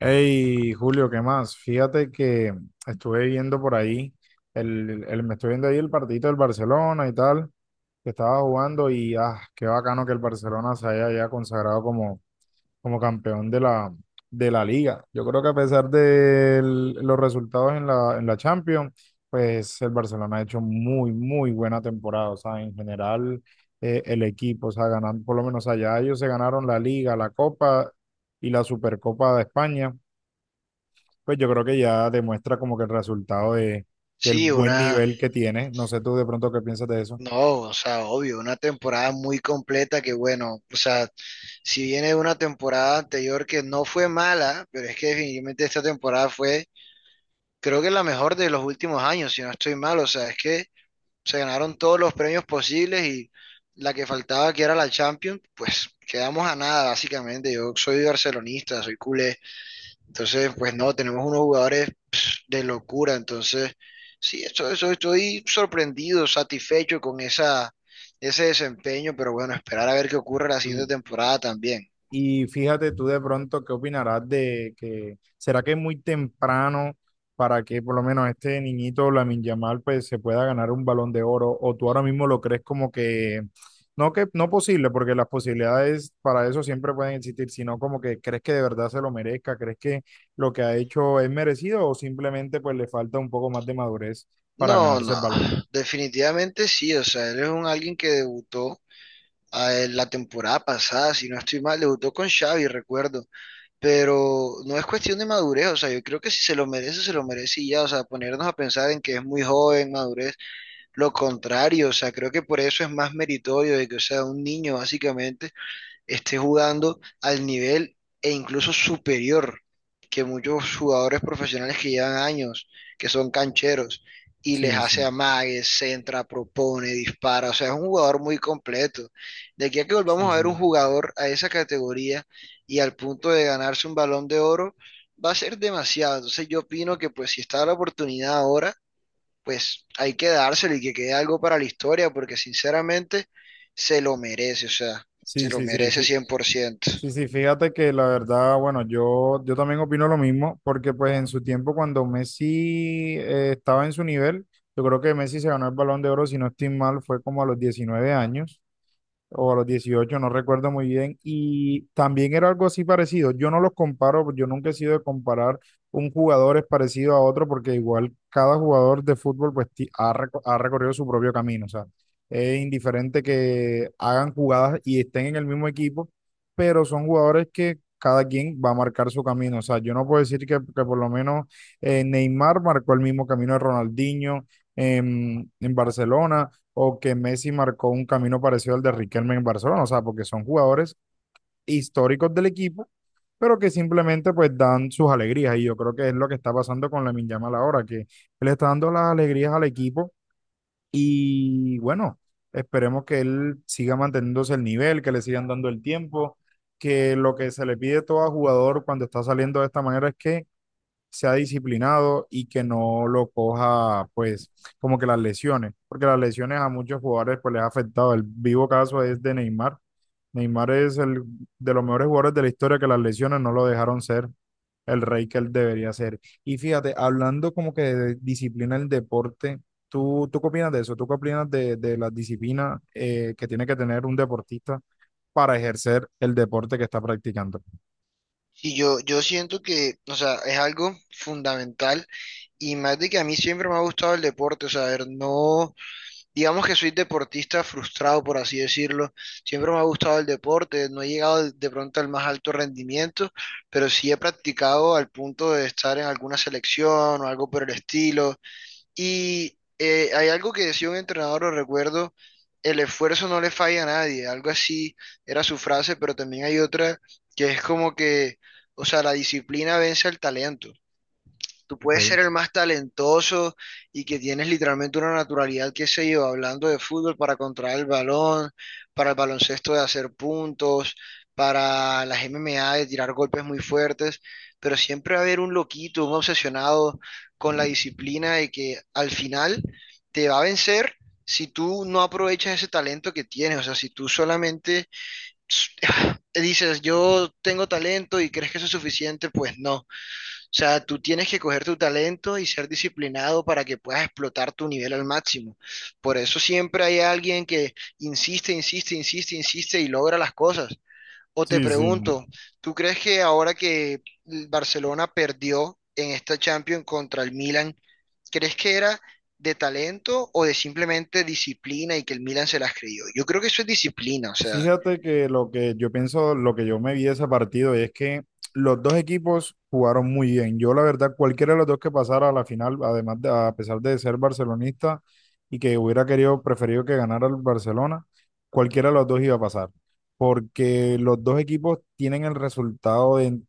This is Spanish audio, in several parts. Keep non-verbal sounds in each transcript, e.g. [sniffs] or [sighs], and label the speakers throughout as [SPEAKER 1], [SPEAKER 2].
[SPEAKER 1] Hey, Julio, ¿qué más? Fíjate que estuve viendo por ahí, me estoy viendo ahí el partidito del Barcelona y tal, que estaba jugando y qué bacano que el Barcelona se haya ya consagrado como, como campeón de la liga. Yo creo que a pesar de los resultados en la Champions, pues el Barcelona ha hecho muy buena temporada. O sea, en general, el equipo, o sea, ganando, por lo menos allá ellos se ganaron la liga, la Copa y la Supercopa de España, pues yo creo que ya demuestra como que del
[SPEAKER 2] Sí,
[SPEAKER 1] buen nivel que tiene. No sé tú de pronto qué piensas de eso.
[SPEAKER 2] no, o sea, obvio, una temporada muy completa que bueno, o sea, si viene de una temporada anterior que no fue mala, pero es que definitivamente esta temporada fue, creo que la mejor de los últimos años, si no estoy mal, o sea, es que se ganaron todos los premios posibles y la que faltaba, que era la Champions, pues quedamos a nada, básicamente. Yo soy barcelonista, soy culé, entonces, pues no, tenemos unos jugadores de locura. Entonces, sí, estoy sorprendido, satisfecho con ese desempeño, pero bueno, esperar a ver qué ocurre la siguiente temporada también.
[SPEAKER 1] Y fíjate tú de pronto qué opinarás de que será que es muy temprano para que por lo menos este niñito Lamine Yamal pues se pueda ganar un Balón de Oro, o tú ahora mismo lo crees como que no, que no posible, porque las posibilidades para eso siempre pueden existir, sino como que crees que de verdad se lo merezca, crees que lo que ha hecho es merecido o simplemente pues le falta un poco más de madurez para
[SPEAKER 2] No,
[SPEAKER 1] ganarse
[SPEAKER 2] no,
[SPEAKER 1] el balón.
[SPEAKER 2] definitivamente sí, o sea, él es un alguien que debutó la temporada pasada, si no estoy mal, debutó con Xavi, recuerdo, pero no es cuestión de madurez, o sea, yo creo que si se lo merece, se lo merece y ya, o sea, ponernos a pensar en que es muy joven, madurez, lo contrario, o sea, creo que por eso es más meritorio de que, o sea, un niño básicamente esté jugando al nivel e incluso superior que muchos jugadores profesionales que llevan años, que son cancheros, y les
[SPEAKER 1] Sí, sí,
[SPEAKER 2] hace amagues, centra, propone, dispara. O sea, es un jugador muy completo. De aquí a que
[SPEAKER 1] sí,
[SPEAKER 2] volvamos a ver un
[SPEAKER 1] sí.
[SPEAKER 2] jugador a esa categoría y al punto de ganarse un balón de oro, va a ser demasiado. Entonces yo opino que pues si está la oportunidad ahora, pues hay que dárselo y que quede algo para la historia, porque sinceramente se lo merece, o sea, se
[SPEAKER 1] Sí,
[SPEAKER 2] lo
[SPEAKER 1] sí, sí.
[SPEAKER 2] merece 100%.
[SPEAKER 1] Sí, sí, fíjate que la verdad, bueno, yo también opino lo mismo, porque pues en su tiempo cuando Messi estaba en su nivel, yo creo que Messi se ganó el Balón de Oro, si no estoy mal, fue como a los 19 años o a los 18, no recuerdo muy bien, y también era algo así parecido. Yo no los comparo, yo nunca he sido de comparar un jugador es parecido a otro, porque igual cada jugador de fútbol pues ha recorrido su propio camino, o sea, es indiferente que hagan jugadas y estén en el mismo equipo, pero son jugadores que cada quien va a marcar su camino. O sea, yo no puedo decir que por lo menos Neymar marcó el mismo camino de Ronaldinho en Barcelona, o que Messi marcó un camino parecido al de Riquelme en Barcelona. O sea, porque son jugadores históricos del equipo, pero que simplemente pues dan sus alegrías, y yo creo que es lo que está pasando con Lamine Yamal ahora, que él está dando las alegrías al equipo. Y bueno, esperemos que él siga manteniéndose el nivel, que le sigan dando el tiempo, que lo que se le pide todo a jugador cuando está saliendo de esta manera es que sea disciplinado y que no lo coja, pues, como que las lesiones, porque las lesiones a muchos jugadores pues les ha afectado. El vivo caso es de Neymar. Neymar es el de los mejores jugadores de la historia que las lesiones no lo dejaron ser el rey que él debería ser. Y fíjate, hablando como que de disciplina del deporte, tú qué opinas de eso? ¿Tú qué opinas de la disciplina que tiene que tener un deportista para ejercer el deporte que está practicando?
[SPEAKER 2] Y yo siento que, o sea, es algo fundamental y más de que a mí siempre me ha gustado el deporte, o sea, a ver, no, digamos que soy deportista frustrado, por así decirlo, siempre me ha gustado el deporte, no he llegado de pronto al más alto rendimiento, pero sí he practicado al punto de estar en alguna selección o algo por el estilo. Y hay algo que decía un entrenador, lo recuerdo, el esfuerzo no le falla a nadie, algo así era su frase, pero también hay otra que es como que, o sea, la disciplina vence al talento. Tú puedes
[SPEAKER 1] Okay.
[SPEAKER 2] ser el más talentoso y que tienes literalmente una naturalidad, que se lleva hablando de fútbol para controlar el balón, para el baloncesto de hacer puntos, para las MMA de tirar golpes muy fuertes, pero siempre va a haber un loquito, un obsesionado con la disciplina de que al final te va a vencer si tú no aprovechas ese talento que tienes, o sea, si tú solamente [sighs] [sniffs] dices, yo tengo talento y crees que eso es suficiente, pues no. O sea, tú tienes que coger tu talento y ser disciplinado para que puedas explotar tu nivel al máximo. Por eso siempre hay alguien que insiste, insiste, insiste, insiste y logra las cosas. O te
[SPEAKER 1] Sí, sí.
[SPEAKER 2] pregunto, ¿tú crees que ahora que el Barcelona perdió en esta Champions contra el Milan, crees que era de talento o de simplemente disciplina y que el Milan se las creyó? Yo creo que eso es disciplina, o sea,
[SPEAKER 1] Fíjate que lo que yo pienso, lo que yo me vi de ese partido es que los dos equipos jugaron muy bien. Yo, la verdad, cualquiera de los dos que pasara a la final, además de, a pesar de ser barcelonista y que hubiera querido, preferido que ganara el Barcelona, cualquiera de los dos iba a pasar. Porque los dos equipos tienen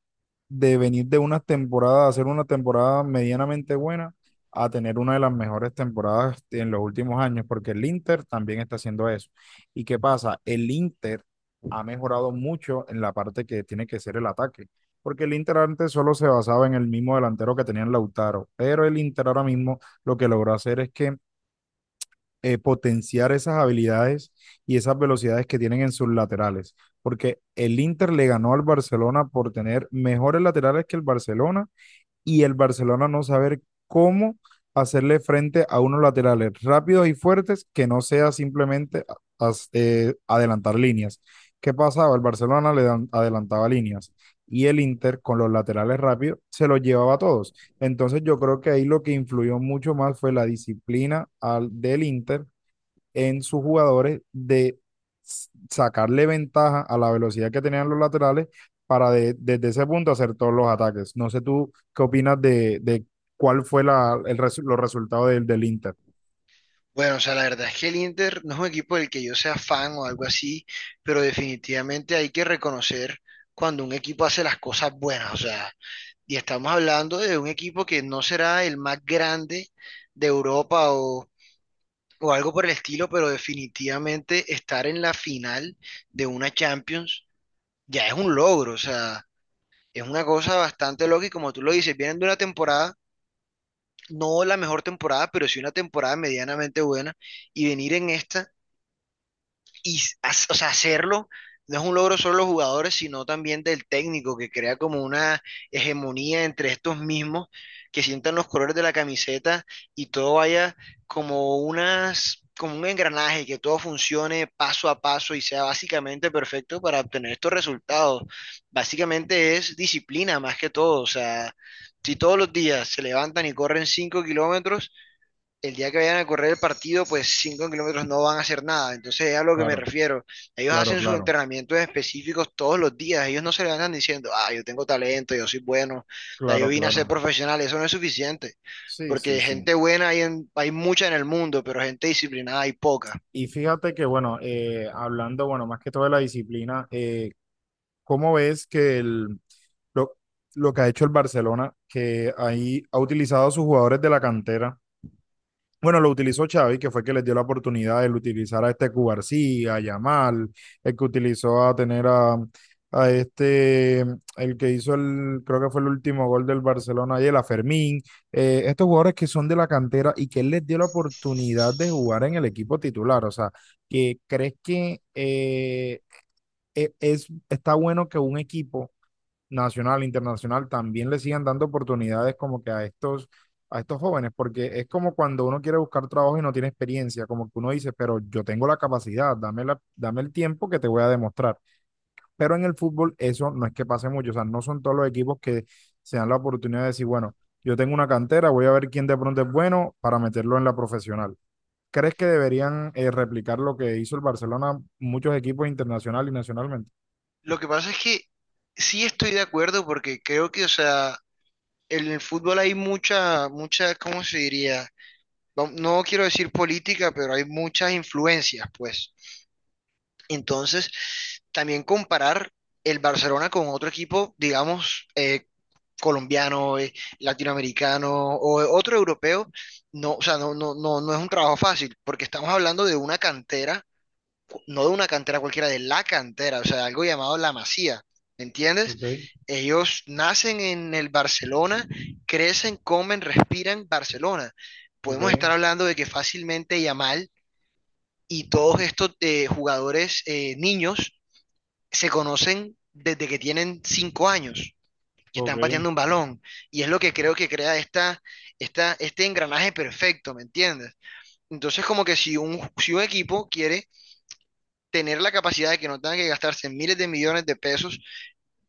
[SPEAKER 1] de venir de una temporada, hacer una temporada medianamente buena, a tener una de las mejores temporadas en los últimos años, porque el Inter también está haciendo eso. ¿Y qué pasa? El Inter ha mejorado mucho en la parte que tiene que ser el ataque, porque el Inter antes solo se basaba en el mismo delantero que tenía en Lautaro, pero el Inter ahora mismo lo que logró hacer es que potenciar esas habilidades y esas velocidades que tienen en sus laterales, porque el Inter le ganó al Barcelona por tener mejores laterales que el Barcelona, y el Barcelona no saber cómo hacerle frente a unos laterales rápidos y fuertes que no sea simplemente adelantar líneas. ¿Qué pasaba? El Barcelona adelantaba líneas y el Inter con los laterales rápidos se los llevaba a todos. Entonces yo creo que ahí lo que influyó mucho más fue la disciplina del Inter en sus jugadores de sacarle ventaja a la velocidad que tenían los laterales para desde ese punto hacer todos los ataques. No sé tú qué opinas de cuál fue los resultados del Inter.
[SPEAKER 2] bueno, o sea, la verdad es que el Inter no es un equipo del que yo sea fan o algo así, pero definitivamente hay que reconocer cuando un equipo hace las cosas buenas, o sea, y estamos hablando de un equipo que no será el más grande de Europa o algo por el estilo, pero definitivamente estar en la final de una Champions ya es un logro, o sea, es una cosa bastante loca y como tú lo dices, vienen de una temporada, no la mejor temporada, pero sí una temporada medianamente buena y venir en esta y o sea, hacerlo no es un logro solo de los jugadores, sino también del técnico que crea como una hegemonía entre estos mismos que sientan los colores de la camiseta y todo vaya como un engranaje, que todo funcione paso a paso y sea básicamente perfecto para obtener estos resultados. Básicamente es disciplina más que todo, o sea, si todos los días se levantan y corren 5 km, el día que vayan a correr el partido, pues 5 km no van a hacer nada. Entonces es a lo que me
[SPEAKER 1] Claro,
[SPEAKER 2] refiero. Ellos
[SPEAKER 1] claro,
[SPEAKER 2] hacen sus
[SPEAKER 1] claro,
[SPEAKER 2] entrenamientos específicos todos los días. Ellos no se levantan diciendo, ah, yo tengo talento, yo soy bueno, ya yo
[SPEAKER 1] claro,
[SPEAKER 2] vine a ser
[SPEAKER 1] claro.
[SPEAKER 2] profesional. Eso no es suficiente.
[SPEAKER 1] Sí, sí,
[SPEAKER 2] Porque
[SPEAKER 1] sí.
[SPEAKER 2] gente buena hay, hay mucha en el mundo, pero gente disciplinada hay poca.
[SPEAKER 1] Y fíjate que, bueno, hablando, bueno, más que todo de la disciplina, ¿cómo ves que lo, lo que ha hecho el Barcelona, que ahí ha utilizado a sus jugadores de la cantera? Bueno, lo utilizó Xavi, que fue el que les dio la oportunidad de utilizar a este Cubarsí, a Yamal, el que utilizó a tener a el que hizo el, creo que fue el último gol del Barcelona ayer, a Fermín, estos jugadores que son de la cantera y que él les dio la oportunidad de jugar en el equipo titular. O sea, que crees que es, está bueno que un equipo nacional, internacional, también le sigan dando oportunidades como que a estos jóvenes, porque es como cuando uno quiere buscar trabajo y no tiene experiencia, como que uno dice, pero yo tengo la capacidad, dame el tiempo que te voy a demostrar. Pero en el fútbol eso no es que pase mucho, o sea, no son todos los equipos que se dan la oportunidad de decir, bueno, yo tengo una cantera, voy a ver quién de pronto es bueno para meterlo en la profesional. ¿Crees que deberían replicar lo que hizo el Barcelona muchos equipos internacional y nacionalmente?
[SPEAKER 2] Lo que pasa es que sí estoy de acuerdo porque creo que, o sea, en el fútbol hay mucha, mucha, ¿cómo se diría? No quiero decir política, pero hay muchas influencias, pues. Entonces, también comparar el Barcelona con otro equipo, digamos, colombiano, latinoamericano o otro europeo, no, o sea, no, no, no, no es un trabajo fácil, porque estamos hablando de una cantera, no de una cantera cualquiera, de la cantera, o sea, algo llamado la Masía, ¿me entiendes?
[SPEAKER 1] Ok,
[SPEAKER 2] Ellos nacen en el Barcelona, crecen, comen, respiran Barcelona.
[SPEAKER 1] ok,
[SPEAKER 2] Podemos estar hablando de que fácilmente Yamal y todos estos jugadores niños se conocen desde que tienen 5 años y están
[SPEAKER 1] ok.
[SPEAKER 2] pateando un balón. Y es lo que creo que crea este engranaje perfecto, ¿me entiendes? Entonces, como que si un, si un equipo quiere tener la capacidad de que no tengan que gastarse miles de millones de pesos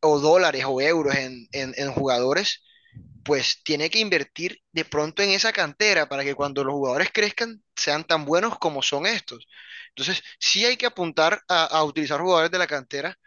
[SPEAKER 2] o dólares o euros en, en jugadores, pues tiene que invertir de pronto en esa cantera para que cuando los jugadores crezcan sean tan buenos como son estos. Entonces, sí hay que apuntar a utilizar jugadores de la cantera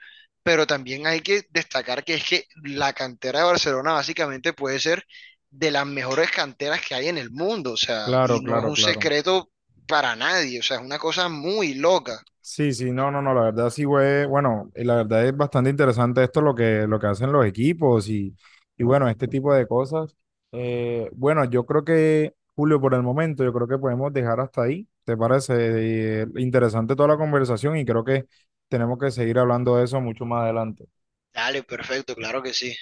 [SPEAKER 2] pero también hay que destacar que es que la cantera de Barcelona básicamente puede ser de las mejores canteras que hay en el mundo, o sea,
[SPEAKER 1] Claro,
[SPEAKER 2] y no es
[SPEAKER 1] claro,
[SPEAKER 2] un
[SPEAKER 1] claro.
[SPEAKER 2] secreto para nadie, o sea, es una cosa muy loca.
[SPEAKER 1] Sí, sí, no, no, no, la verdad sí, güey, bueno, y la verdad es bastante interesante esto lo que hacen los equipos y bueno, este tipo de cosas. Bueno, yo creo que, Julio, por el momento, yo creo que podemos dejar hasta ahí, ¿te parece? Interesante toda la conversación y creo que tenemos que seguir hablando de eso mucho más adelante.
[SPEAKER 2] Dale, perfecto, claro que sí.